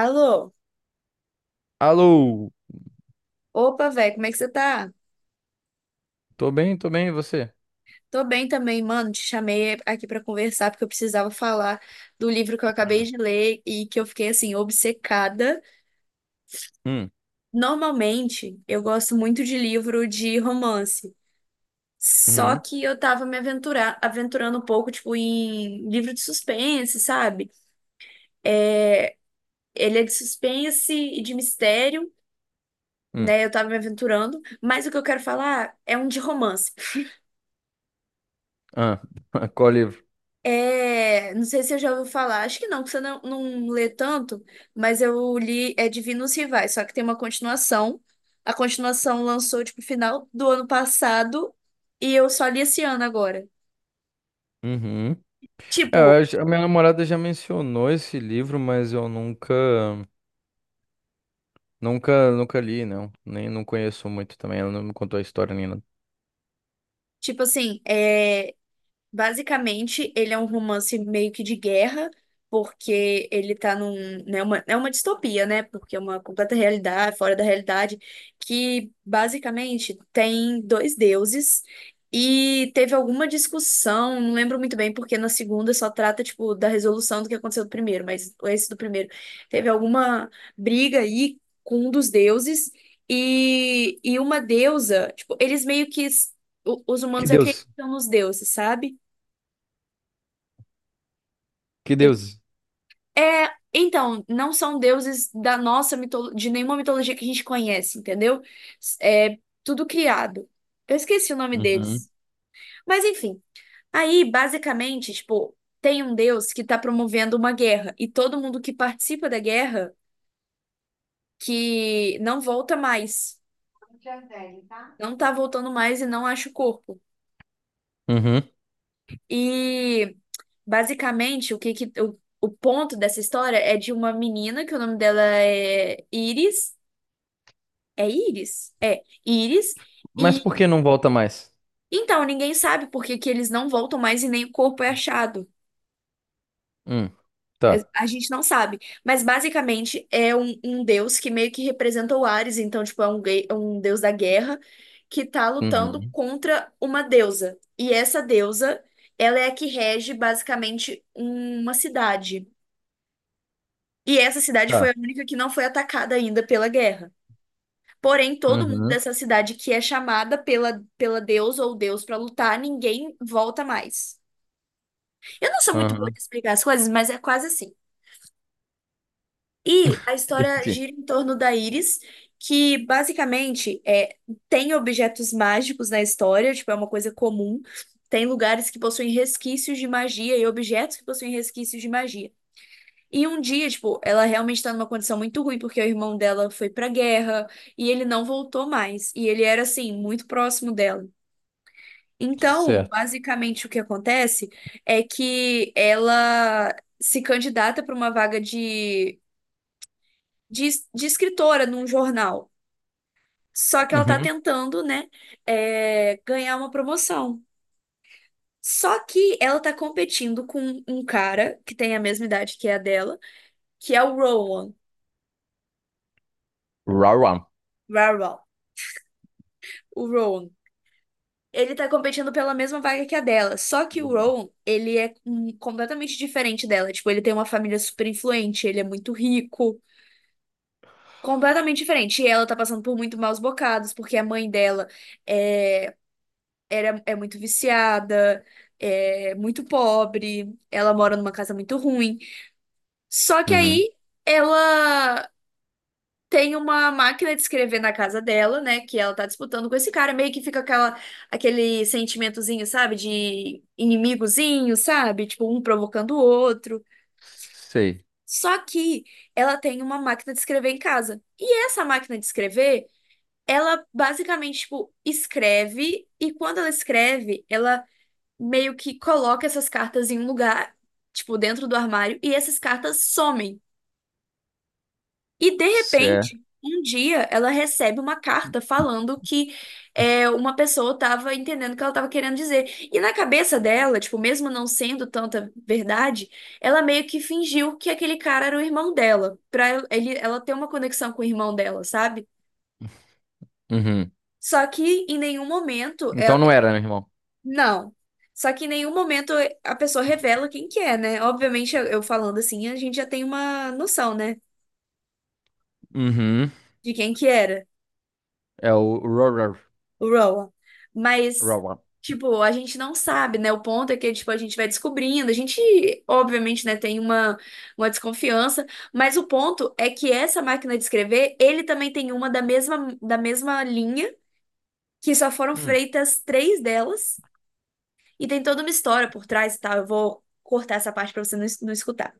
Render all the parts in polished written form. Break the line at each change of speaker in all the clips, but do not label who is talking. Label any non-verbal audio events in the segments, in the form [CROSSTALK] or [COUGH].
Alô?
Alô,
Opa, velho, como é que você tá?
tô bem, e você?
Tô bem também, mano. Te chamei aqui pra conversar porque eu precisava falar do livro que eu acabei
Hum.
de ler e que eu fiquei assim obcecada.
Hum,
Normalmente, eu gosto muito de livro de romance. Só
uhum,
que eu tava aventurando um pouco, tipo, em livro de suspense, sabe? É, ele é de suspense e de mistério,
hum.
né? Eu tava me aventurando, mas o que eu quero falar é um de romance.
Ah, [LAUGHS] qual livro?
É, não sei se você já ouviu falar, acho que não, que você não lê tanto, mas eu li é Divinos Rivais, só que tem uma continuação. A continuação lançou, tipo, final do ano passado e eu só li esse ano agora.
Uhum. É, eu
Tipo,
acho- a minha namorada já mencionou esse livro, mas eu nunca li, não. Nem não conheço muito também, ela não me contou a história nem nada.
tipo, basicamente, ele é um romance meio que de guerra, porque ele tá num, né, é uma distopia, né? Porque é uma completa realidade, fora da realidade, que basicamente tem dois deuses e teve alguma discussão, não lembro muito bem, porque na segunda só trata, tipo, da resolução do que aconteceu do primeiro, mas esse do primeiro teve alguma briga aí com um dos deuses e uma deusa, tipo, eles meio que s- o- os
Que
humanos
Deus,
acreditam nos deuses, sabe?
que
Ele-
Deus.
É, então, não são deuses da nossa mitolo... de nenhuma mitologia que a gente conhece, entendeu? É tudo criado. Eu esqueci o nome
Uhum.
deles. Mas enfim, aí basicamente, tipo, tem um deus que tá promovendo uma guerra e todo mundo que participa da guerra que não volta mais, não tá voltando mais e não acha o corpo.
Uhum.
E basicamente o que que o ponto dessa história é de uma menina que o nome dela é Iris. É Íris? É, Íris.
Mas
E
por que não volta mais?
então, ninguém sabe por que que eles não voltam mais e nem o corpo é achado.
Hum, tá.
A gente não sabe. Mas basicamente é um deus que meio que representa o Ares. Então, tipo, é um, é um deus da guerra que tá lutando
Uhum.
contra uma deusa. E essa deusa, ela é a que rege basicamente uma cidade. E essa cidade foi
Tá.
a única que não foi atacada ainda pela guerra. Porém, todo mundo
Uhum.
dessa cidade que é chamada pela deusa ou deus pra lutar, ninguém volta mais. Eu não sou muito boa
Uhum.
de explicar as coisas, mas é quase assim. E a
[LAUGHS]
história
Entendi.
gira em torno da Iris, que basicamente é, tem objetos mágicos na história, tipo, é uma coisa comum. Tem lugares que possuem resquícios de magia e objetos que possuem resquícios de magia. E um dia, tipo, ela realmente tá numa condição muito ruim, porque o irmão dela foi pra guerra e ele não voltou mais. E ele era, assim, muito próximo dela. Então,
Certo.
basicamente, o que acontece é que ela se candidata para uma vaga de escritora num jornal. Só que ela está
Uhum.
tentando, né, é, ganhar uma promoção. Só que ela está competindo com um cara que tem a mesma idade que a dela, que é o Rowan.
Rauam.
Rowan. O Rowan. Ele tá competindo pela mesma vaga que a dela. Só que o Rowan, ele é completamente diferente dela. Tipo, ele tem uma família super influente, ele é muito rico. Completamente diferente. E ela tá passando por muito maus bocados, porque a mãe dela é, é muito viciada, é muito pobre, ela mora numa casa muito ruim. Só que
Uhum.
aí ela tem uma máquina de escrever na casa dela, né? Que ela tá disputando com esse cara, meio que fica aquele sentimentozinho, sabe? De inimigozinho, sabe? Tipo, um provocando o outro. Só que ela tem uma máquina de escrever em casa. E essa máquina de escrever, ela basicamente, tipo, escreve, e quando ela escreve, ela meio que coloca essas cartas em um lugar, tipo, dentro do armário, e essas cartas somem. E de
Sei.
repente, um dia, ela recebe uma carta falando que é, uma pessoa tava entendendo o que ela tava querendo dizer. E na cabeça dela, tipo, mesmo não sendo tanta verdade, ela meio que fingiu que aquele cara era o irmão dela, pra ela ter uma conexão com o irmão dela, sabe?
Uhum.
Só que em nenhum momento
Então
ela...
não era, né, irmão?
Não. Só que em nenhum momento a pessoa revela quem que é, né? Obviamente, eu falando assim, a gente já tem uma noção, né?
Uhum.
De quem que era
É o Rorar.
o Rowan. Mas,
Rorar.
tipo, a gente não sabe, né? O ponto é que, tipo, a gente vai descobrindo. A gente, obviamente, né, tem uma desconfiança. Mas o ponto é que essa máquina de escrever, ele também tem uma da mesma linha, que só foram
Hum.
feitas três delas. E tem toda uma história por trás e tal. Eu vou cortar essa parte pra você não escutar.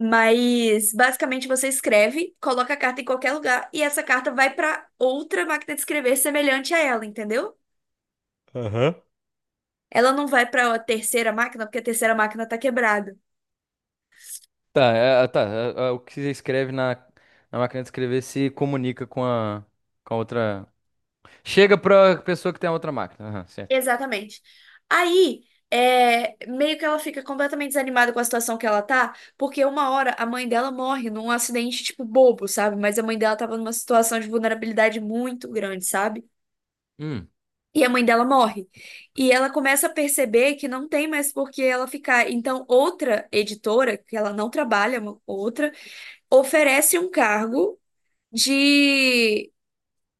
Mas basicamente você escreve, coloca a carta em qualquer lugar e essa carta vai para outra máquina de escrever semelhante a ela, entendeu?
Aham.
Ela não vai para a terceira máquina, porque a terceira máquina tá quebrada.
Tá, é, tá. O que você escreve na, na máquina de escrever se comunica com a outra. Chega pra pessoa que tem a outra máquina. Aham, certo.
Exatamente. Aí, é, meio que ela fica completamente desanimada com a situação que ela tá, porque uma hora a mãe dela morre num acidente tipo bobo, sabe? Mas a mãe dela tava numa situação de vulnerabilidade muito grande, sabe?
Hum.
E a mãe dela morre. E ela começa a perceber que não tem mais por que ela ficar. Então, outra editora, que ela não trabalha, uma outra, oferece um cargo de...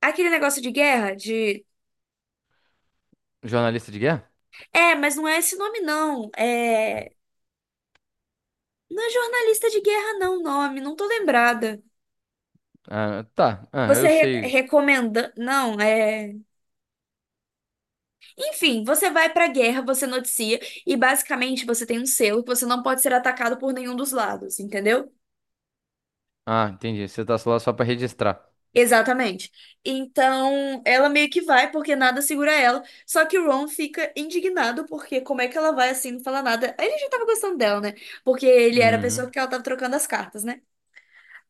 Aquele negócio de guerra, de...
Jornalista de guerra?
É, mas não é esse nome, não. É. Não é jornalista de guerra, não, o nome. Não tô lembrada.
Ah, tá. Ah,
Você
eu sei.
recomenda. Não, é. Enfim, você vai pra guerra, você noticia, e basicamente você tem um selo que você não pode ser atacado por nenhum dos lados, entendeu?
Ah, entendi. Você tá lá só pra registrar.
Exatamente. Então, ela meio que vai porque nada segura ela. Só que o Ron fica indignado porque como é que ela vai assim, não fala nada? Ele já tava gostando dela, né? Porque ele era a
Uhum.
pessoa que ela tava trocando as cartas, né?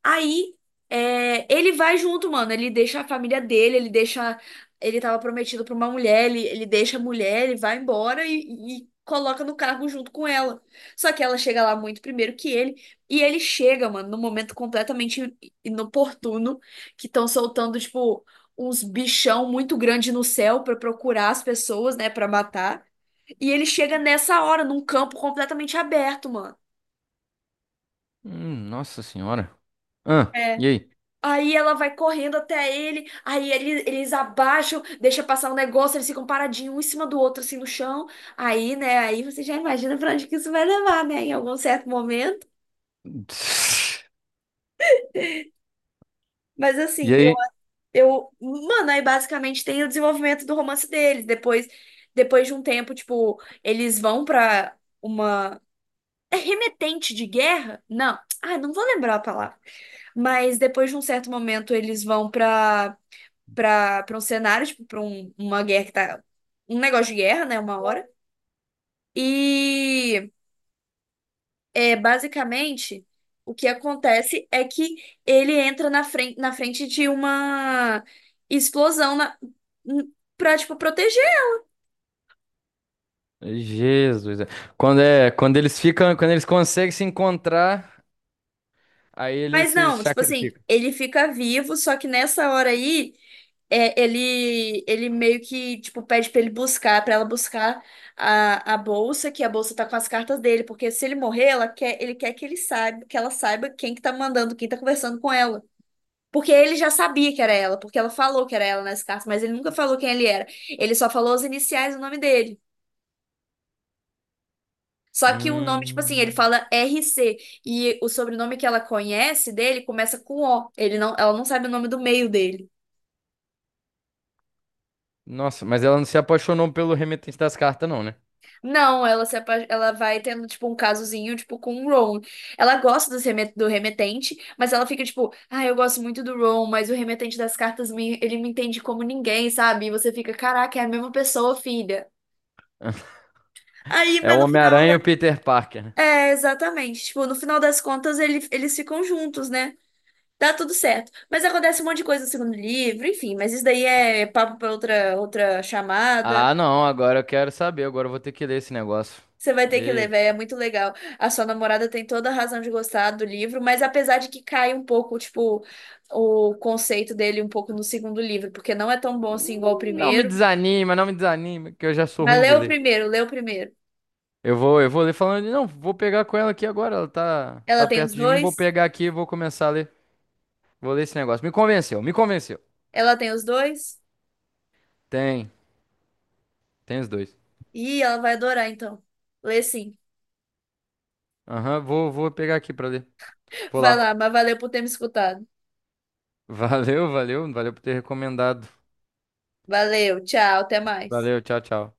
Aí, é, ele vai junto, mano. Ele deixa a família dele, ele deixa. Ele tava prometido pra uma mulher, ele deixa a mulher, ele vai embora e coloca no carro junto com ela. Só que ela chega lá muito primeiro que ele. E ele chega, mano, num momento completamente inoportuno, que estão soltando, tipo, uns bichão muito grande no céu pra procurar as pessoas, né, pra matar. E ele chega nessa hora, num campo completamente aberto, mano.
Nossa senhora. Ah,
É.
e aí?
Aí ela vai correndo até ele, aí eles abaixam, deixa passar um negócio, eles ficam paradinhos um em cima do outro, assim, no chão. Aí, né, aí você já imagina pra onde que isso vai levar, né, em algum certo momento.
[LAUGHS]
Mas
E
assim,
aí?
mano, aí basicamente tem o desenvolvimento do romance deles. Depois, depois de um tempo, tipo, eles vão pra uma é remetente de guerra? Não. Ah, não vou lembrar a palavra. Mas depois de um certo momento, eles vão pra um cenário, tipo, pra uma guerra que tá. Um negócio de guerra, né? Uma hora. E é, basicamente o que acontece é que ele entra na frente de uma explosão n- tipo...
Jesus. É. Quando eles ficam, quando eles conseguem se encontrar, aí eles
Mas
se
não, tipo assim,
sacrificam.
ele fica vivo, só que nessa hora aí, é, ele meio que, tipo, pede pra ele buscar, pra ela buscar a bolsa, que a bolsa tá com as cartas dele, porque se ele morrer, ele quer que que ela saiba quem que tá mandando, quem tá conversando com ela. Porque ele já sabia que era ela, porque ela falou que era ela nas cartas, mas ele nunca falou quem ele era. Ele só falou os iniciais e o nome dele. Só que o nome, tipo assim, ele
Hum.
fala RC e o sobrenome que ela conhece dele começa com O. Ele não, ela não sabe o nome do meio dele.
Nossa, mas ela não se apaixonou pelo remetente das cartas, não, né?
Não, ela se apa- ela vai tendo tipo um casozinho tipo com o Ron. Ela gosta do remetente, mas ela fica tipo, ah, eu gosto muito do Ron, mas o remetente das cartas ele me entende como ninguém, sabe? E você fica, caraca, é a mesma pessoa, filha.
[LAUGHS]
Aí,
É o
mas no final
Homem-Aranha e
ela...
o Peter Parker, né?
É, exatamente. Tipo, no final das contas, eles ficam juntos, né? Dá tudo certo. Mas acontece um monte de coisa no segundo livro, enfim, mas isso daí é papo pra outra chamada.
Ah, não, agora eu quero saber, agora eu vou ter que ler esse negócio.
Você vai ter que ler,
E...
véi, é muito legal. A sua namorada tem toda a razão de gostar do livro, mas apesar de que cai um pouco, tipo, o conceito dele um pouco no segundo livro, porque não é tão bom assim igual o
não me
primeiro.
desanima, não me desanima, que eu já sou
Mas
ruim
lê
de
o
ler.
primeiro, lê o primeiro.
Eu vou ler falando, não, vou pegar com ela aqui agora, ela tá,
Ela
tá
tem os
perto de mim, vou
dois?
pegar aqui e vou começar a ler. Vou ler esse negócio. Me convenceu, me convenceu.
Ela tem os dois?
Tem. Tem os dois.
Ih, ela vai adorar, então. Lê sim.
Aham, vou pegar aqui pra ler. Vou
Vai
lá.
lá, mas valeu por ter me escutado.
Valeu, valeu. Valeu por ter recomendado.
Valeu, tchau, até mais.
Valeu, tchau, tchau.